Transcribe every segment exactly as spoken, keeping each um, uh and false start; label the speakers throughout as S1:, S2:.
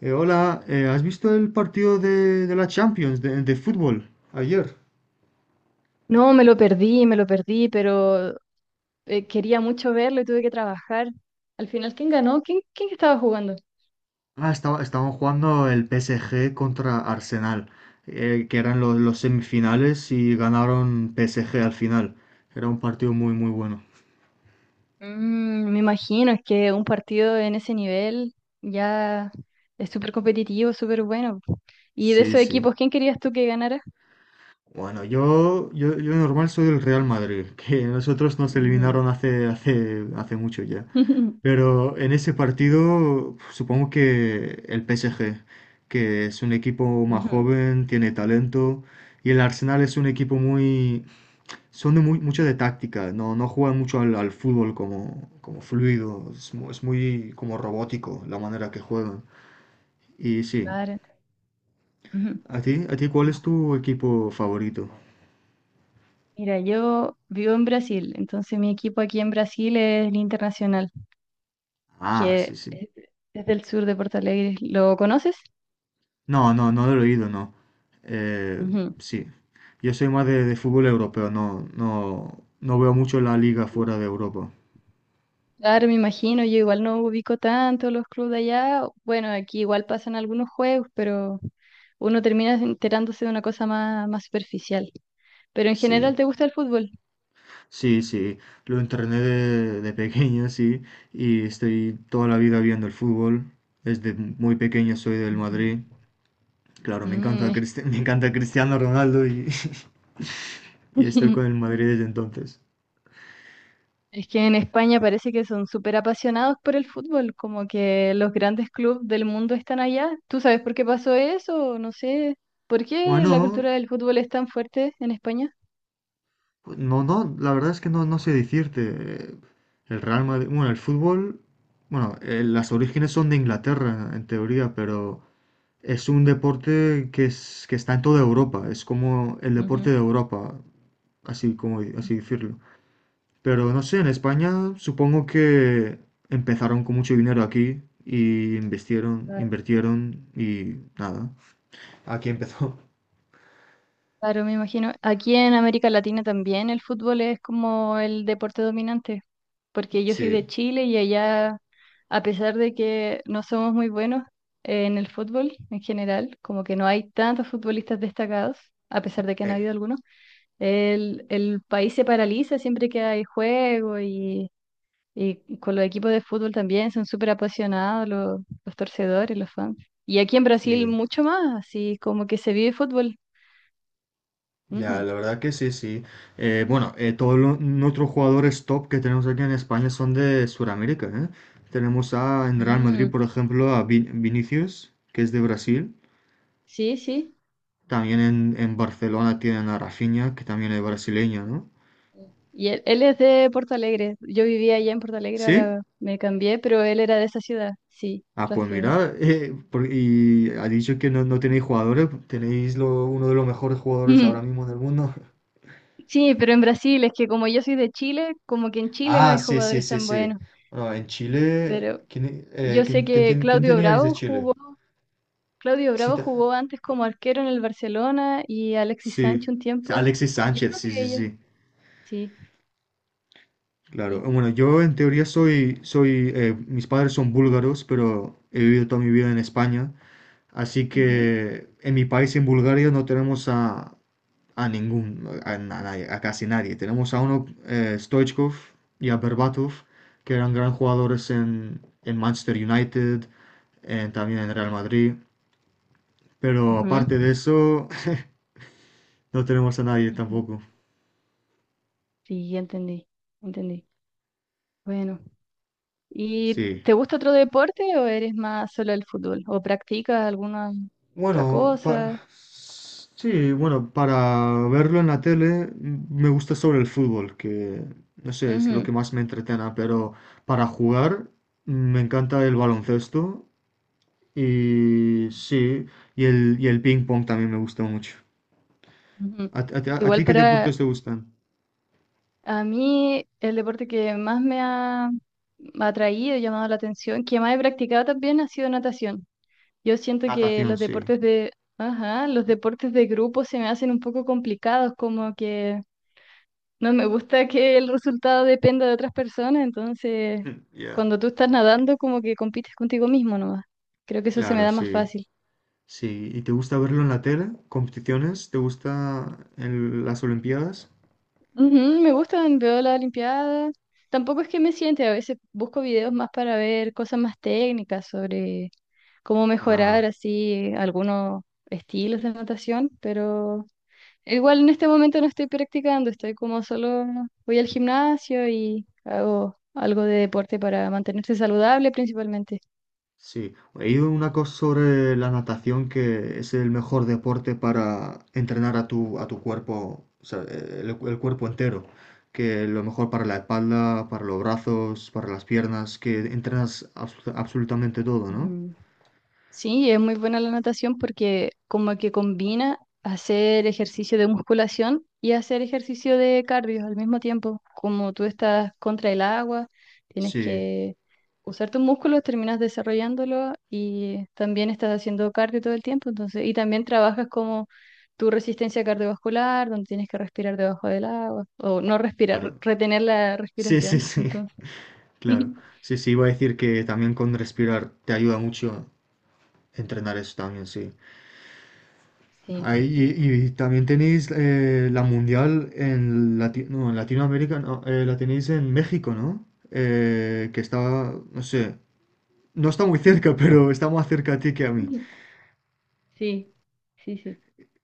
S1: Eh, hola, eh, ¿has visto el partido de, de la Champions de, de fútbol ayer?
S2: No, me lo perdí, me lo perdí, pero eh, quería mucho verlo y tuve que trabajar. Al final, ¿quién ganó? ¿Quién, quién estaba jugando?
S1: Ah, estaba, estaban jugando el P S G contra Arsenal, eh, que eran los, los semifinales y ganaron P S G al final. Era un partido muy, muy bueno.
S2: Mm, me imagino, es que un partido en ese nivel ya es súper competitivo, súper bueno. ¿Y de esos
S1: Sí, sí.
S2: equipos, quién querías tú que ganara?
S1: Bueno, yo, yo, yo normal soy del Real Madrid, que nosotros nos
S2: Ujú.
S1: eliminaron hace, hace, hace mucho ya. Pero en ese partido, supongo que el P S G, que es un equipo más
S2: Ujú.
S1: joven, tiene talento, y el Arsenal es un equipo muy, son de muy, mucho de táctica, no, no juegan mucho al, al fútbol como, como fluido, es, mu- es muy como robótico la manera que juegan. Y sí,
S2: Claro, ujú.
S1: ¿a ti, a ti cuál es tu equipo favorito?
S2: Mira, yo vivo en Brasil, entonces mi equipo aquí en Brasil es el Internacional,
S1: Ah, sí,
S2: que
S1: sí.
S2: es es del sur de Porto Alegre. ¿Lo conoces?
S1: No, no, no lo he oído, no. Eh,
S2: Ujú.
S1: sí. Yo soy más de, de fútbol europeo, no, no, no veo mucho la liga fuera de Europa.
S2: Claro, me imagino, yo igual no ubico tanto los clubes de allá. Bueno, aquí igual pasan algunos juegos, pero uno termina enterándose de una cosa más, más superficial. Pero en general,
S1: Sí,
S2: ¿te gusta el fútbol?
S1: sí, sí. Lo entrené de, de pequeño, sí, y estoy toda la vida viendo el fútbol. Desde muy pequeño soy del
S2: Ujú.
S1: Madrid. Claro, me encanta,
S2: Mm, es.
S1: Cristi- me encanta Cristiano Ronaldo y, y estoy con el Madrid desde entonces.
S2: Es que en España parece que son súper apasionados por el fútbol, como que los grandes clubes del mundo están allá. ¿Tú sabes por qué pasó eso? No sé. ¿Por qué la cultura
S1: Bueno,
S2: del fútbol es tan fuerte en España?
S1: pues No, no, la verdad es que no, no sé decirte. eh, El Real Madrid, bueno, el fútbol, bueno, eh, las orígenes son de Inglaterra, en teoría, pero es un deporte que, es, que está en toda Europa, es como el deporte
S2: Ujú.
S1: de Europa, así como así decirlo. Pero no sé, en España supongo que empezaron con mucho dinero aquí y invirtieron, invirtieron y nada. Aquí empezó.
S2: Claro, me imagino. Aquí en América Latina también el fútbol es como el deporte dominante, porque yo soy de
S1: Sí,
S2: Chile y allá, a pesar de que no somos muy buenos eh, en el fútbol en general, como que no hay tantos futbolistas destacados, a pesar de que han
S1: eh,
S2: habido algunos, el, el país se paraliza siempre que hay juego y, y con los equipos de fútbol también son súper apasionados los, los torcedores, los fans. Y aquí en Brasil
S1: sí.
S2: mucho más, así como que se vive fútbol.
S1: Ya,
S2: Ujú.
S1: la verdad que sí, sí. Eh, bueno, eh, todos los nuestros jugadores top que tenemos aquí en España son de Sudamérica, ¿eh? Tenemos a, en Real Madrid,
S2: Mm.
S1: por ejemplo, a Vin- Vinicius, que es de Brasil.
S2: Sí, sí.
S1: También en, en Barcelona tienen a Rafinha, que también es brasileño, ¿no?
S2: Y él, él es de Porto Alegre. Yo vivía allá en Porto Alegre,
S1: ¿Sí?
S2: ahora me cambié, pero él era de esa ciudad. Sí,
S1: Ah, pues
S2: Rafinha.
S1: mira, eh, por- y ha dicho que no, no tenéis jugadores, tenéis lo- uno de los mejores jugadores ahora
S2: Mm.
S1: mismo del mundo.
S2: Sí, pero en Brasil es que como yo soy de Chile, como que en Chile no
S1: Ah,
S2: hay
S1: sí, sí,
S2: jugadores
S1: sí,
S2: tan
S1: sí.
S2: buenos.
S1: Bueno, en Chile,
S2: Pero
S1: ¿quién, eh,
S2: yo
S1: quién,
S2: sé
S1: quién
S2: que
S1: ten- quién
S2: Claudio
S1: teníais de
S2: Bravo
S1: Chile?
S2: jugó, Claudio
S1: Sí,
S2: Bravo jugó antes como arquero en el Barcelona y Alexis
S1: sí,
S2: Sánchez un tiempo.
S1: Alexis
S2: Yo
S1: Sánchez,
S2: creo
S1: sí,
S2: que
S1: sí,
S2: ellos.
S1: sí.
S2: Sí,
S1: Claro,
S2: sí.
S1: bueno, yo en teoría soy, soy, eh, mis padres son búlgaros, pero he vivido toda mi vida en España, así
S2: Ujú.
S1: que en mi país, en Bulgaria, no tenemos a, a ningún, a, a nadie, a casi nadie. Tenemos a uno, eh, Stoichkov y a Berbatov, que eran gran jugadores en, en Manchester United, en- también en Real Madrid, pero
S2: Ujú,
S1: aparte de eso, no tenemos a nadie
S2: ujú.
S1: tampoco.
S2: Sí, ya entendí, entendí. Bueno, ¿y
S1: Sí.
S2: te gusta otro deporte o eres más solo el fútbol? ¿O practicas alguna otra
S1: Bueno,
S2: cosa?
S1: para... sí, bueno, para verlo en la tele, mm, me gusta sobre el fútbol, que no sé, es lo que
S2: Ujú,
S1: más me entretena, pero para jugar, mm, me encanta el baloncesto y sí, y el, y el ping pong también me gusta mucho.
S2: ujú.
S1: ¿A, ti- a ti a
S2: Igual
S1: ti qué
S2: para
S1: deportes te gustan?
S2: a mí el deporte que más me ha atraído, llamado la atención, que más he practicado también ha sido natación. Yo siento que
S1: Natación,
S2: los
S1: sí.
S2: deportes de, ajá, los deportes de grupo se me hacen un poco complicados, como que no me gusta que el resultado dependa de otras personas, entonces
S1: Yeah.
S2: cuando tú estás nadando como que compites contigo mismo nomás. Creo que eso se me
S1: Claro,
S2: da más
S1: sí.
S2: fácil.
S1: Sí, ¿y te gusta verlo en la tele? ¿Competiciones? ¿Te gusta en las Olimpiadas?
S2: Ujú, me gustan, veo las Olimpiadas. Tampoco es que me siente, a veces busco videos más para ver cosas más técnicas sobre cómo mejorar
S1: Ah.
S2: así algunos estilos de natación, pero igual en este momento no estoy practicando, estoy como solo voy al gimnasio y hago algo de deporte para mantenerse saludable principalmente.
S1: Sí, he ido una cosa sobre la natación que es el mejor deporte para entrenar a tu, a tu cuerpo, o sea, el, el cuerpo entero, que lo mejor para la espalda, para los brazos, para las piernas, que entrenas absu- absolutamente todo, ¿no?
S2: Ujú. Sí, es muy buena la natación porque como que combina hacer ejercicio de musculación y hacer ejercicio de cardio al mismo tiempo. Como tú estás contra el agua, tienes
S1: Sí,
S2: que usar tus músculos, terminas desarrollándolo y también estás haciendo cardio todo el tiempo. Entonces, y también trabajas como tu resistencia cardiovascular, donde tienes que respirar debajo del agua o no respirar,
S1: claro.
S2: retener la
S1: Sí, sí,
S2: respiración.
S1: sí,
S2: Entonces,
S1: claro. Sí, sí, iba a decir que también con respirar te ayuda mucho entrenar eso también, sí.
S2: sí.
S1: Ahí, y, y también tenéis, eh, la mundial en, Lati- no, en Latinoamérica, no, eh, la tenéis en México, ¿no? Eh, que está, no sé, no está muy cerca, pero está más cerca a ti que a mí.
S2: Sí, sí, sí.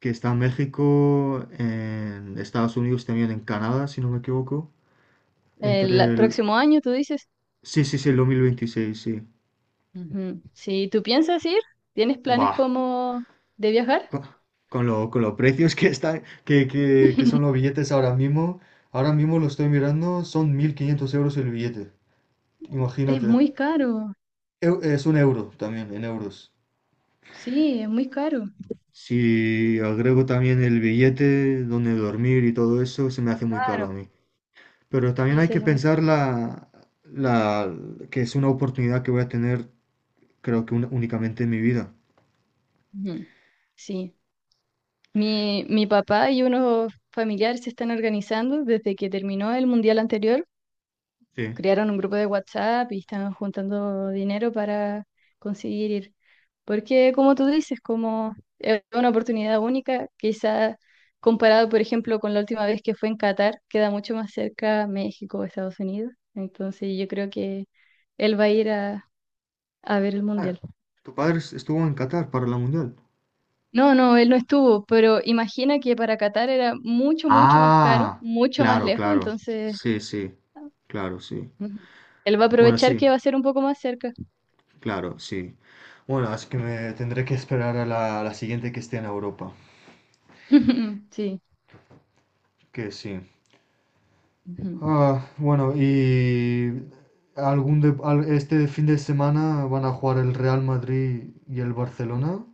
S1: Que está en México, en Estados Unidos, también en Canadá, si no me equivoco.
S2: El
S1: Entre
S2: a-
S1: el...
S2: próximo año, tú dices.
S1: Sí, sí, sí, el dos mil veintiséis, sí.
S2: Ujú. Si tú piensas ir, ¿tienes planes
S1: Bah,
S2: como de viajar?
S1: co- con, lo, con los precios que, están, que, que, que son los billetes ahora mismo, ahora mismo lo estoy mirando, son mil quinientos euros el billete.
S2: Es
S1: Imagínate.
S2: muy caro.
S1: Eu- Es un euro también, en euros.
S2: Sí, es muy caro.
S1: Si agrego también el billete, donde dormir y todo eso, se me hace muy caro a
S2: Claro.
S1: mí. Pero también
S2: Sí,
S1: hay
S2: se
S1: que
S2: hace muy
S1: pensar
S2: caro.
S1: la, la, que es una oportunidad que voy a tener, creo que un- únicamente en mi vida.
S2: Ujú. Sí. Mi, mi papá y unos familiares se están organizando desde que terminó el mundial anterior.
S1: Sí.
S2: Crearon un grupo de WhatsApp y están juntando dinero para conseguir ir. Porque como tú dices, como es una oportunidad única, quizá comparado, por ejemplo, con la última vez que fue en Qatar, queda mucho más cerca México o Estados Unidos. Entonces yo creo que él va a ir a, a ver el
S1: Ah,
S2: Mundial.
S1: tu padre es- estuvo en Qatar para la Mundial.
S2: No, no, él no estuvo, pero imagina que para Qatar era mucho, mucho más caro,
S1: Ah,
S2: mucho más
S1: claro,
S2: lejos,
S1: claro.
S2: entonces
S1: Sí, sí. Claro, sí.
S2: ujú, él va a
S1: Bueno,
S2: aprovechar
S1: sí,
S2: que va a ser un poco más cerca.
S1: claro, sí. Bueno, así que me tendré que esperar a la, a la siguiente que esté en Europa.
S2: Sí.
S1: Que sí.
S2: Ujú.
S1: Ah, bueno, y algún de- al- este fin de semana van a jugar el Real Madrid y el Barcelona.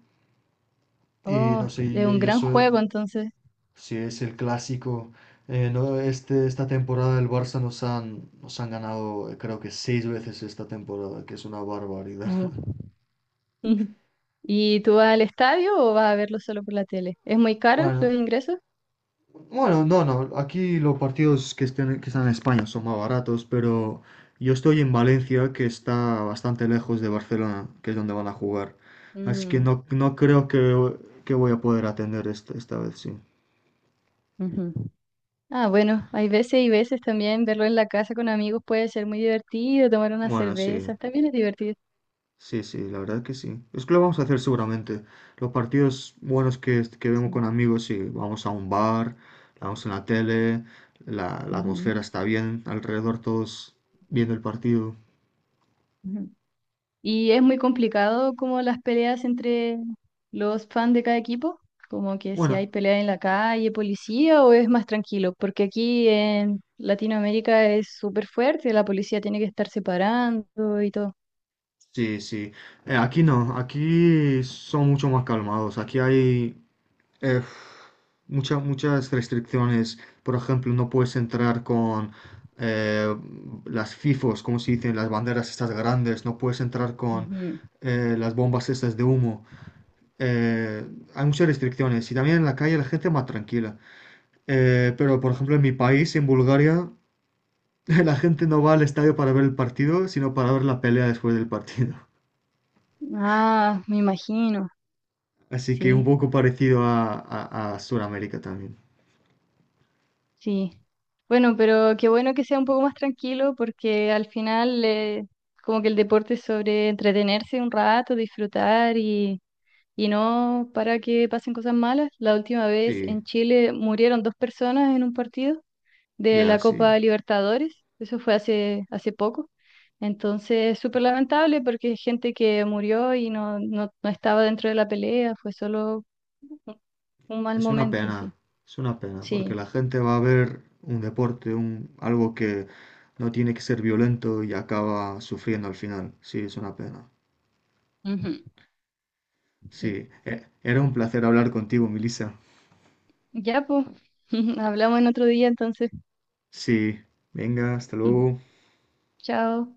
S1: Y no
S2: Oh,
S1: sé,
S2: es
S1: yo,
S2: un
S1: yo
S2: gran
S1: soy,
S2: juego entonces.
S1: si es el clásico. Eh, no, este, esta temporada el Barça nos han, nos han ganado, eh, creo que seis veces esta temporada, que es una barbaridad.
S2: Uh. Ujú. ¿Y tú vas al estadio o vas a verlo solo por la tele? ¿Es muy caro los
S1: Bueno,
S2: ingresos?
S1: Bueno, no, no. Aquí los partidos que, estén- que están en España son más baratos, pero yo estoy en Valencia, que está bastante lejos de Barcelona, que es donde van a jugar. Así que
S2: Mm,
S1: no, no creo que, que voy a poder atender esta, esta vez, sí.
S2: ujú. Ah, bueno, hay veces y veces también verlo en la casa con amigos puede ser muy divertido, tomar unas
S1: Bueno, sí.
S2: cervezas, también es divertido.
S1: Sí, sí, la verdad que sí. Es que lo vamos a hacer seguramente. Los partidos buenos que, que vemos
S2: Sí.
S1: con amigos, sí. Vamos a un bar, la vamos en la tele, la, la
S2: Ujú,
S1: atmósfera está bien, alrededor todos viendo el partido.
S2: ujú. ¿Y es muy complicado como las peleas entre los fans de cada equipo? Como que si hay
S1: Bueno,
S2: pelea en la calle, policía, o es más tranquilo, porque aquí en Latinoamérica es súper fuerte, la policía tiene que estar separando y todo.
S1: sí, sí. Eh, aquí no, aquí son mucho más calmados. Aquí hay, eh, mucha- muchas restricciones. Por ejemplo, no puedes entrar con, eh, las FIFOs, como se dicen, las banderas estas grandes. No puedes entrar con,
S2: Ujú.
S1: eh, las bombas estas de humo. Eh, Hay muchas restricciones. Y también en la calle la gente más tranquila. Eh, pero, por ejemplo, en mi país, en Bulgaria, la gente no va al estadio para ver el partido, sino para ver la pelea después del partido.
S2: Ah, me imagino,
S1: Así que un
S2: sí,
S1: poco parecido a, a, a Sudamérica también.
S2: sí. Bueno, pero qué bueno que sea un poco más tranquilo porque al final eh, como que el deporte es sobre entretenerse un rato, disfrutar y, y no para que pasen cosas malas. La última vez
S1: Sí,
S2: en Chile murieron dos personas en un partido de
S1: ya,
S2: la
S1: sí.
S2: Copa Libertadores, eso fue hace, hace poco. Entonces, súper lamentable porque gente que murió y no, no, no estaba dentro de la pelea, fue solo Un un mal
S1: Es una
S2: momento,
S1: pena,
S2: sí.
S1: es una pena, porque
S2: Sí.
S1: la gente va a ver un deporte, un, algo que no tiene que ser violento y acaba sufriendo al final. Sí, es una pena.
S2: Ujú. Sí,
S1: Sí, e- era un placer hablar contigo, Melissa.
S2: ya pues. Hablamos en otro día entonces.
S1: Sí, venga, hasta luego.
S2: Chao.